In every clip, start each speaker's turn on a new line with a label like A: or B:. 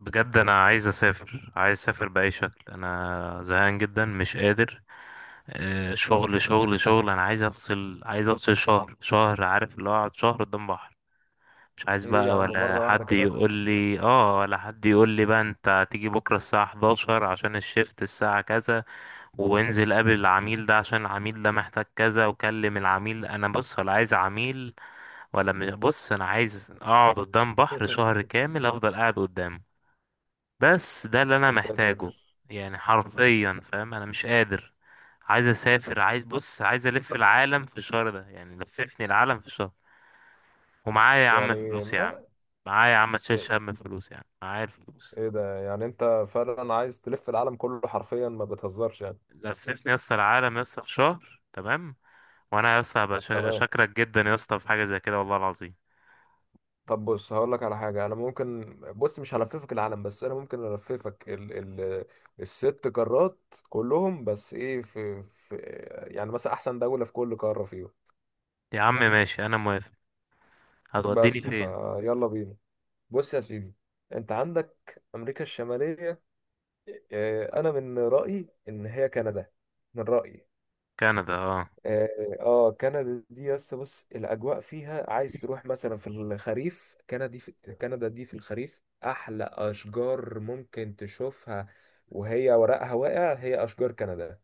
A: بجد انا عايز اسافر باي شكل، انا زهقان جدا مش قادر. شغل شغل شغل. انا عايز افصل شهر شهر، عارف اللي هو اقعد شهر قدام بحر. مش عايز
B: ايه يا
A: بقى
B: عم،
A: ولا
B: مرة واحدة
A: حد
B: كده.
A: يقول لي اه، ولا حد يقول لي بقى انت هتيجي بكره الساعه 11 عشان الشيفت الساعه كذا، وانزل قابل العميل ده عشان العميل ده محتاج كذا، وكلم العميل. انا بص، ولا عايز عميل ولا مش بص، انا عايز اقعد قدام بحر شهر كامل، افضل قاعد قدامه. بس ده اللي انا
B: يا ساتر.
A: محتاجه. يعني حرفيا، فاهم انا مش قادر. عايز اسافر، عايز بص، عايز الف العالم في الشهر ده، يعني لففني العالم في الشهر. ومعايا يا عم
B: يعني
A: فلوس يا عم،
B: ما
A: معايا يا عم،
B: ايه،
A: تشيل هم فلوس يا عم، معايا الفلوس.
B: إيه ده؟ يعني انت فعلا عايز تلف العالم كله حرفيا؟ ما بتهزرش يعني؟
A: لففني يا اسطى العالم يا اسطى في شهر، تمام. وانا يا اسطى هبقى
B: تمام.
A: شاكرك جدا يا اسطى في حاجه زي كده، والله العظيم.
B: طب بص، هقول لك على حاجة. انا ممكن، بص، مش هلففك العالم، بس انا ممكن الففك ال ال الست قارات كلهم. بس ايه في يعني مثلا احسن دولة في كل قارة فيهم.
A: يا عم ماشي، انا موافق. هتوديني
B: بس
A: فين؟
B: فيلا بينا. بص يا سيدي، انت عندك امريكا الشمالية. إيه، انا من رأيي ان هي كندا. من رأيي.
A: كندا، اه.
B: اه، آه، كندا. دي يس، بص الاجواء فيها، عايز تروح مثلا في الخريف، كندا في كندا دي في الخريف احلى اشجار ممكن تشوفها، وهي ورقها واقع، هي اشجار كندا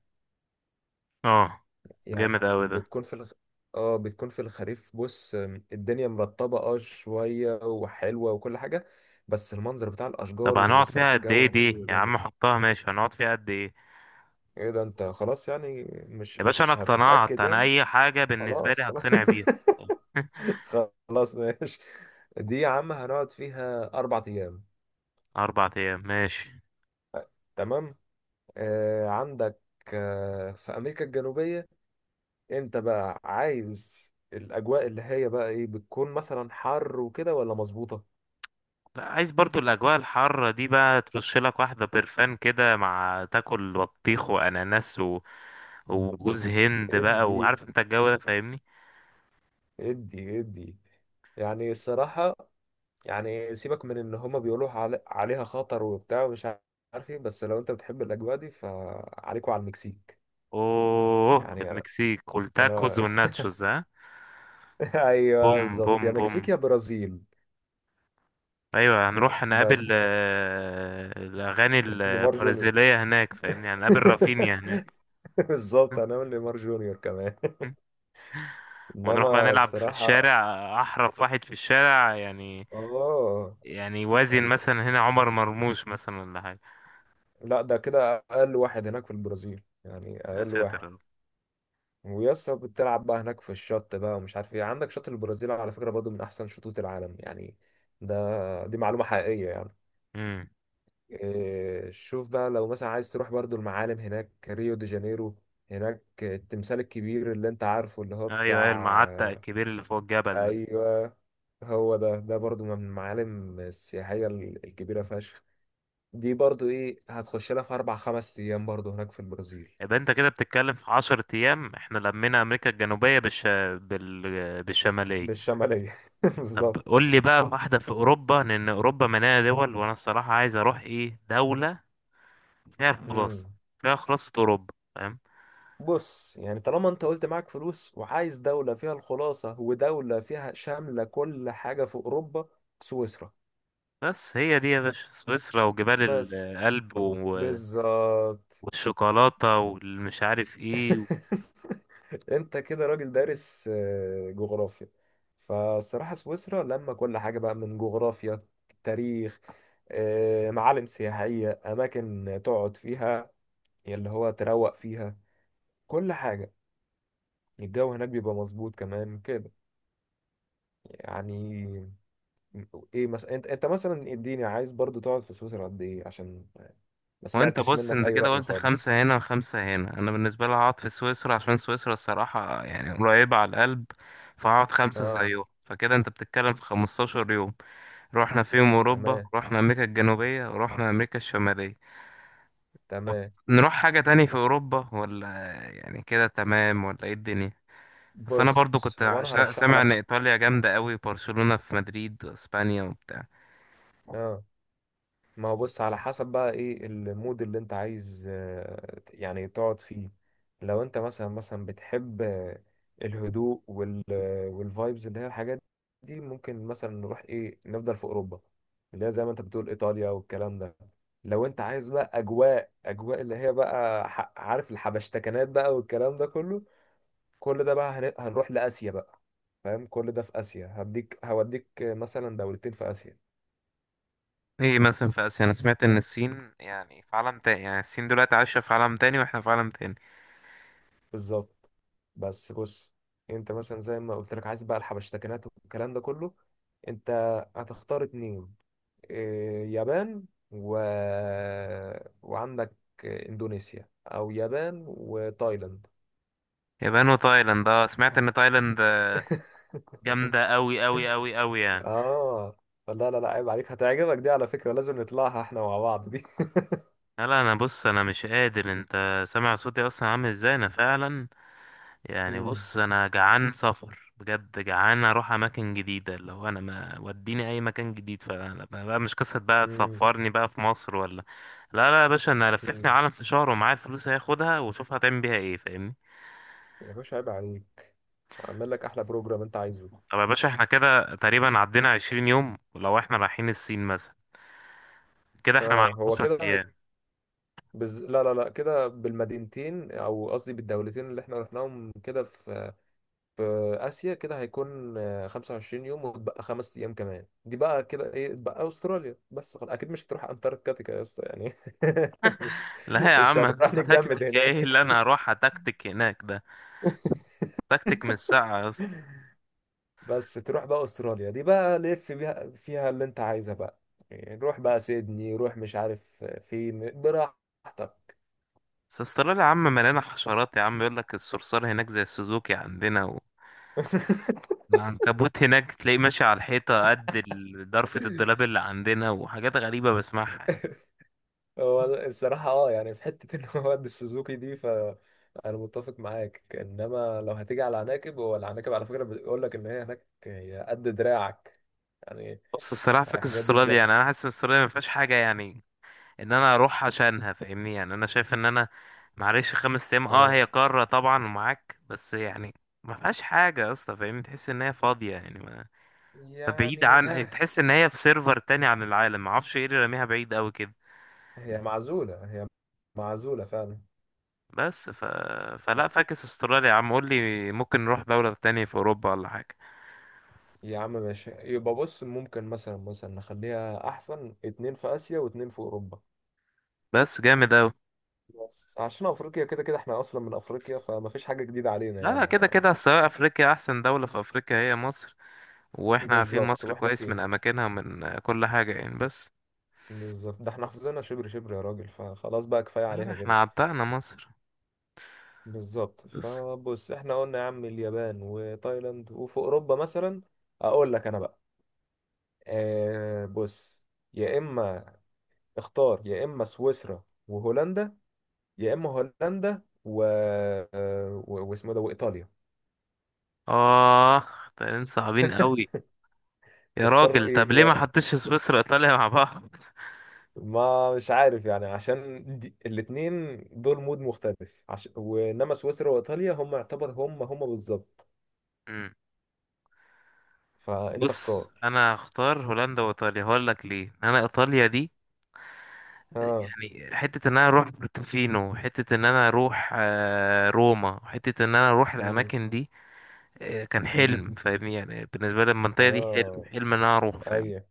A: اه،
B: يعني.
A: جامد اوي ده.
B: بتكون في الخ... اه، بتكون في الخريف، بص، الدنيا مرطبة اه شوية، وحلوة وكل حاجة، بس المنظر بتاع
A: طب
B: الاشجار،
A: هنقعد فيها
B: والصراحة
A: قد
B: الجو
A: ايه
B: هناك
A: دي،
B: بيبقى
A: يا
B: جامد.
A: عم حطها ماشي، هنقعد فيها قد ايه؟
B: ايه ده، انت خلاص يعني؟ مش
A: يا باشا انا
B: مش
A: اقتنعت،
B: هتتأكد
A: انا
B: يعني؟
A: اي حاجة بالنسبة
B: خلاص،
A: لي
B: خلاص.
A: هقتنع بيها.
B: خلاص. ماشي. دي يا عم هنقعد فيها أربع أيام.
A: 4 ايام ماشي.
B: تمام. عندك في أمريكا الجنوبية. أنت بقى عايز الأجواء اللي هي بقى إيه، بتكون مثلا حر وكده ولا مظبوطة؟
A: لا، عايز برضو الاجواء الحارة دي، بقى ترش لك واحدة برفان كده مع تاكل بطيخ واناناس و... وجوز هند بقى،
B: إدي،
A: وعارف انت الجو ده فاهمني.
B: إدي، إدي. يعني الصراحة، يعني سيبك من إن هما بيقولوا علي، عليها خطر وبتاع ومش عارف إيه، بس لو أنت بتحب الأجواء دي فعليكوا على المكسيك.
A: اوه،
B: يعني أنا،
A: المكسيك والتاكوز
B: أنا
A: والناتشوز، ها.
B: أيوه
A: بوم بوم
B: بالظبط، يا
A: بوم.
B: مكسيك يا برازيل.
A: ايوه، هنروح نقابل
B: بس
A: الاغاني
B: نيمار جونيور.
A: البرازيلية هناك، فاهمني، هنقابل رافينيا هناك.
B: بالظبط، هنعمل نيمار جونيور كمان.
A: ونروح بقى
B: انما
A: نلعب في
B: الصراحه،
A: الشارع، احرف واحد في الشارع يعني،
B: اه
A: يعني وازن
B: يعني،
A: مثلا هنا عمر مرموش مثلا ولا حاجه.
B: لا ده كده اقل واحد هناك في البرازيل، يعني
A: يا
B: اقل
A: ساتر
B: واحد.
A: يا رب.
B: ويسا بتلعب بقى هناك في الشط بقى، ومش عارف ايه، عندك شط البرازيل على فكره برضو من احسن شطوط العالم يعني. دي معلومه حقيقيه يعني.
A: امم.
B: إيه، شوف بقى لو مثلا عايز تروح برضو المعالم هناك، ريو دي جانيرو. هناك التمثال الكبير اللي انت عارفه، اللي هو
A: ايوه ايوه، المعتق
B: بتاع.
A: الكبير اللي فوق الجبل ده.
B: ايوه. هو ده برضو من المعالم السياحيه الكبيره فشخ. دي برضو ايه، هتخش لها في اربع خمس ايام برضو هناك في البرازيل.
A: يبقى انت كده بتتكلم في 10 ايام، احنا لمينا امريكا الجنوبيه، بالشماليه.
B: بالشماليه.
A: طب
B: بالظبط.
A: قول لي بقى واحده في اوروبا، لان اوروبا مليانه دول، وانا الصراحه عايز اروح ايه دوله فيها
B: مم.
A: الخلاصه، فيها خلاصه اوروبا، فاهم.
B: بص، يعني طالما انت قلت معاك فلوس وعايز دوله فيها الخلاصه، ودوله فيها شامله كل حاجه في اوروبا، سويسرا.
A: بس هي دي يا باشا، سويسرا وجبال
B: بس.
A: الألب، و...
B: بالظبط.
A: والشوكولاتة والمش عارف ايه. و...
B: انت كده راجل دارس جغرافيا. فالصراحة سويسرا لما كل حاجة بقى، من جغرافيا، تاريخ، معالم سياحية، أماكن تقعد فيها، اللي هو تروق فيها، كل حاجة. الجو هناك بيبقى مظبوط كمان كده. يعني ايه مثلا، انت مثلا اديني، عايز برضو تقعد في سويسرا قد ايه، عشان ما
A: وانت
B: سمعتش
A: بص،
B: منك
A: انت
B: اي
A: كده
B: رأي
A: قلت
B: خالص.
A: خمسة هنا وخمسة هنا، انا بالنسبة لي هقعد في سويسرا عشان سويسرا الصراحة يعني قريبة على القلب، فهقعد خمسة
B: اه.
A: زيهم، فكده انت بتتكلم في 15 يوم. رحنا فيهم اوروبا،
B: تمام،
A: رحنا امريكا الجنوبية، ورحنا امريكا الشمالية. طب
B: تمام.
A: نروح حاجة تاني في اوروبا، ولا يعني كده تمام، ولا ايه الدنيا؟ بس انا برضو
B: بص،
A: كنت
B: هو انا هرشح
A: سامع ان
B: لك.
A: ايطاليا جامدة قوي، برشلونة في مدريد واسبانيا وبتاع.
B: اه. ما هو بص، على حسب بقى ايه المود اللي انت عايز يعني تقعد فيه. لو انت مثلا بتحب الهدوء والفايبز اللي هي الحاجات دي، ممكن مثلا نروح ايه، نفضل في اوروبا اللي هي زي ما انت بتقول ايطاليا والكلام ده. لو انت عايز بقى اجواء اللي هي بقى، عارف الحبشتكنات بقى والكلام ده كله، كل ده بقى هنروح لآسيا بقى. فاهم؟ كل ده في آسيا، هوديك مثلا دولتين في آسيا.
A: ايه مثلا في اسيا، انا سمعت ان الصين يعني في عالم تاني، يعني الصين دلوقتي عايشه في عالم تاني واحنا في عالم تاني.
B: بالظبط. بس بص، انت مثلا زي ما قلت لك عايز بقى الحبشتكنات والكلام ده كله، انت هتختار اتنين، إيه، يابان و... وعندك اندونيسيا، او يابان وتايلاند.
A: يابان وتايلاند، اه سمعت ان تايلاند جامده قوي قوي قوي قوي يعني.
B: اه، لا، لا، لا، عيب عليك، هتعجبك دي على فكرة، لازم نطلعها احنا مع بعض دي.
A: لا لا انا بص، انا مش قادر، انت سامع صوتي اصلا عامل ازاي انا فعلا. يعني
B: مم.
A: بص، انا جعان سفر، بجد جعان اروح اماكن جديده، اللي هو انا ما وديني اي مكان جديد، فانا بقى مش قصه بقى
B: مم.
A: تسفرني بقى في مصر ولا. لا لا يا باشا، انا لففني
B: مم.
A: العالم في شهر، ومعايا الفلوس هاخدها واشوف هتعمل بيها ايه، فاهمني.
B: يا باشا عيب عليك، اعمل لك احلى بروجرام انت عايزه.
A: طب يا باشا احنا كده تقريبا عدينا 20 يوم، ولو احنا رايحين الصين مثلا كده، احنا معانا
B: اه، هو
A: 10
B: كده.
A: ايام.
B: لا، لا، لا، كده بالمدينتين، او قصدي بالدولتين اللي احنا رحناهم كده في في اسيا، كده هيكون 25 يوم، وتبقى خمس ايام كمان، دي بقى كده ايه، تبقى استراليا. بس خلاص، اكيد مش هتروح انتاركتيكا يا اسطى يعني. مش
A: لا يا
B: مش
A: عم انت
B: هنروح نتجمد
A: تكتك، ايه
B: هناك.
A: اللي انا هروح اتكتك هناك ده، تكتك من الساعة يا اسطى.
B: بس تروح بقى استراليا دي، بقى لف بيها فيها اللي انت عايزها بقى، يعني روح بقى سيدني، روح مش عارف فين، براحتك.
A: بس استراليا يا عم مليانة حشرات يا عم، يقول لك الصرصار هناك زي السوزوكي عندنا، و... العنكبوت هناك تلاقيه ماشي على الحيطة قد ضرفة الدولاب اللي عندنا، وحاجات غريبة بسمعها يعني.
B: هو الصراحة اه يعني، في حتة ان هو قد السوزوكي دي، ف انا متفق معاك، انما لو هتيجي على العناكب، هو العناكب على فكرة بيقول لك ان هي هناك هي قد دراعك يعني.
A: بص الصراحة فاكس
B: الحاجات دي
A: استراليا،
B: بجد،
A: يعني انا حاسس ان استراليا ما فيهاش حاجة، يعني ان انا اروح عشانها فاهمني. يعني انا شايف ان انا، معلش 5 ايام اه
B: اه
A: هي قارة طبعا ومعاك، بس يعني ما فيهاش حاجة يا اسطى، فاهمني، تحس ان هي فاضية، يعني ما، فبعيد،
B: يعني،
A: عن
B: ها.
A: تحس ان هي في سيرفر تاني عن العالم، ما اعرفش ايه اللي راميها بعيد قوي كده.
B: هي معزولة، هي معزولة فعلا.
A: بس ف... فلا
B: لا،
A: فاكس استراليا يا عم، قول لي ممكن نروح دولة تانية في اوروبا ولا حاجة.
B: يا عم ماشي، يبقى بص ممكن مثلا نخليها احسن اتنين في اسيا واتنين في اوروبا.
A: بس جامد قوي.
B: بس عشان افريقيا، كده كده احنا اصلا من افريقيا، فما فيش حاجة جديدة علينا
A: لا لا،
B: يعني
A: كده كده سواء افريقيا، احسن دولة في افريقيا هي مصر، واحنا عارفين
B: بالظبط
A: مصر
B: واحنا
A: كويس من
B: فيها.
A: اماكنها ومن كل حاجة يعني، بس.
B: بالظبط، ده احنا حافظينها شبر شبر يا راجل، فخلاص بقى كفاية
A: لا لا،
B: عليها كده.
A: احنا عتقنا مصر.
B: بالظبط،
A: بس
B: فبص احنا قلنا يا عم اليابان وتايلاند، وفي اوروبا مثلا اقول لك انا بقى، بص، يا اما اختار يا اما سويسرا وهولندا، يا اما هولندا واسمه ده، وايطاليا.
A: آه طيارين صعبين قوي. يا
B: تختار
A: راجل
B: ايه
A: طب ليه ما
B: بقى؟
A: حطيتش سويسرا وإيطاليا مع بعض؟
B: ما مش عارف يعني، عشان الاتنين دول مود مختلف، وانما سويسرا وايطاليا هم، يعتبر هم بالظبط.
A: مم.
B: فانت
A: بص
B: اختار.
A: أنا هختار هولندا وإيطاليا، هقول لك ليه. أنا إيطاليا دي
B: اه.
A: يعني حتة إن أنا أروح بورتوفينو، حتة إن أنا أروح روما، حتة إن أنا أروح
B: امم.
A: الأماكن دي، كان
B: امم.
A: حلم فاهمني، يعني بالنسبة لي المنطقة دي حلم،
B: اه.
A: حلم إن أنا أروح فاهمني.
B: ايوه.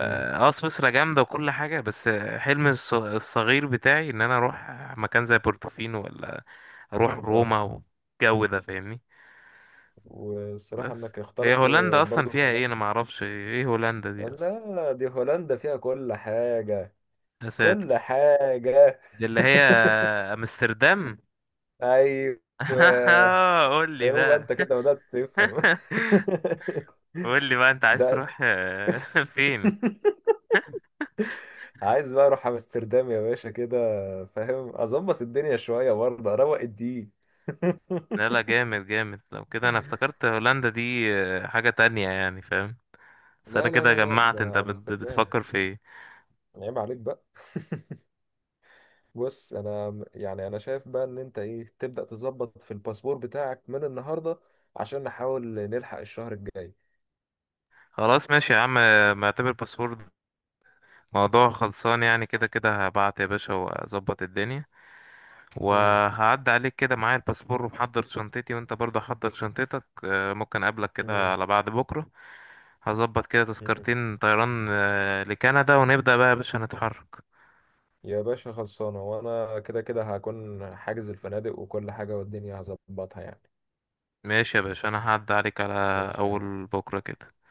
B: امم.
A: سويسرا جامدة وكل حاجة، بس حلم الصغير بتاعي إن أنا أروح مكان زي بورتوفينو، ولا أروح
B: صح.
A: روما والجو ده فاهمني.
B: والصراحه
A: بس
B: انك
A: هي
B: اخترت
A: هولندا اصلا
B: برضو
A: فيها ايه؟
B: هولندا.
A: انا ما اعرفش ايه هولندا دي اصلا.
B: لا دي هولندا فيها كل حاجه،
A: يا
B: كل
A: ساتر،
B: حاجه.
A: دي اللي هي امستردام.
B: ايوه.
A: قول لي
B: هو انت
A: بقى.
B: كده بدات تفهم.
A: قول لي بقى، انت عايز
B: ده.
A: تروح فين؟
B: عايز بقى اروح امستردام يا باشا كده، فاهم اظبط الدنيا شويه برضه، اروق الدين.
A: لا لا، جامد جامد، لو كده انا افتكرت هولندا دي حاجة تانية يعني، فاهم. بس انا
B: لا، لا،
A: كده
B: لا، لا،
A: جمعت انت
B: ده امستردام،
A: بتفكر في ايه.
B: عيب عليك بقى. بص، انا يعني انا شايف بقى ان انت ايه، تبدأ تظبط في الباسبور بتاعك من النهارده، عشان نحاول نلحق الشهر الجاي.
A: خلاص ماشي يا عم، معتبر باسبور، موضوع خلصان، يعني كده كده هبعت يا باشا واظبط الدنيا،
B: مم.
A: وهعدي عليك كده معايا الباسبور ومحضر شنطتي، وانت برضه حضر شنطتك، ممكن اقابلك كده
B: مم.
A: على بعد بكرة. هظبط كده
B: مم.
A: تذكرتين طيران لكندا، ونبدأ بقى يا باشا نتحرك.
B: يا باشا خلصانه، وانا كده كده هكون حاجز الفنادق وكل حاجه، والدنيا هظبطها يعني.
A: ماشي يا باشا، انا هعدي عليك على
B: ماشي يا عم.
A: اول بكرة كده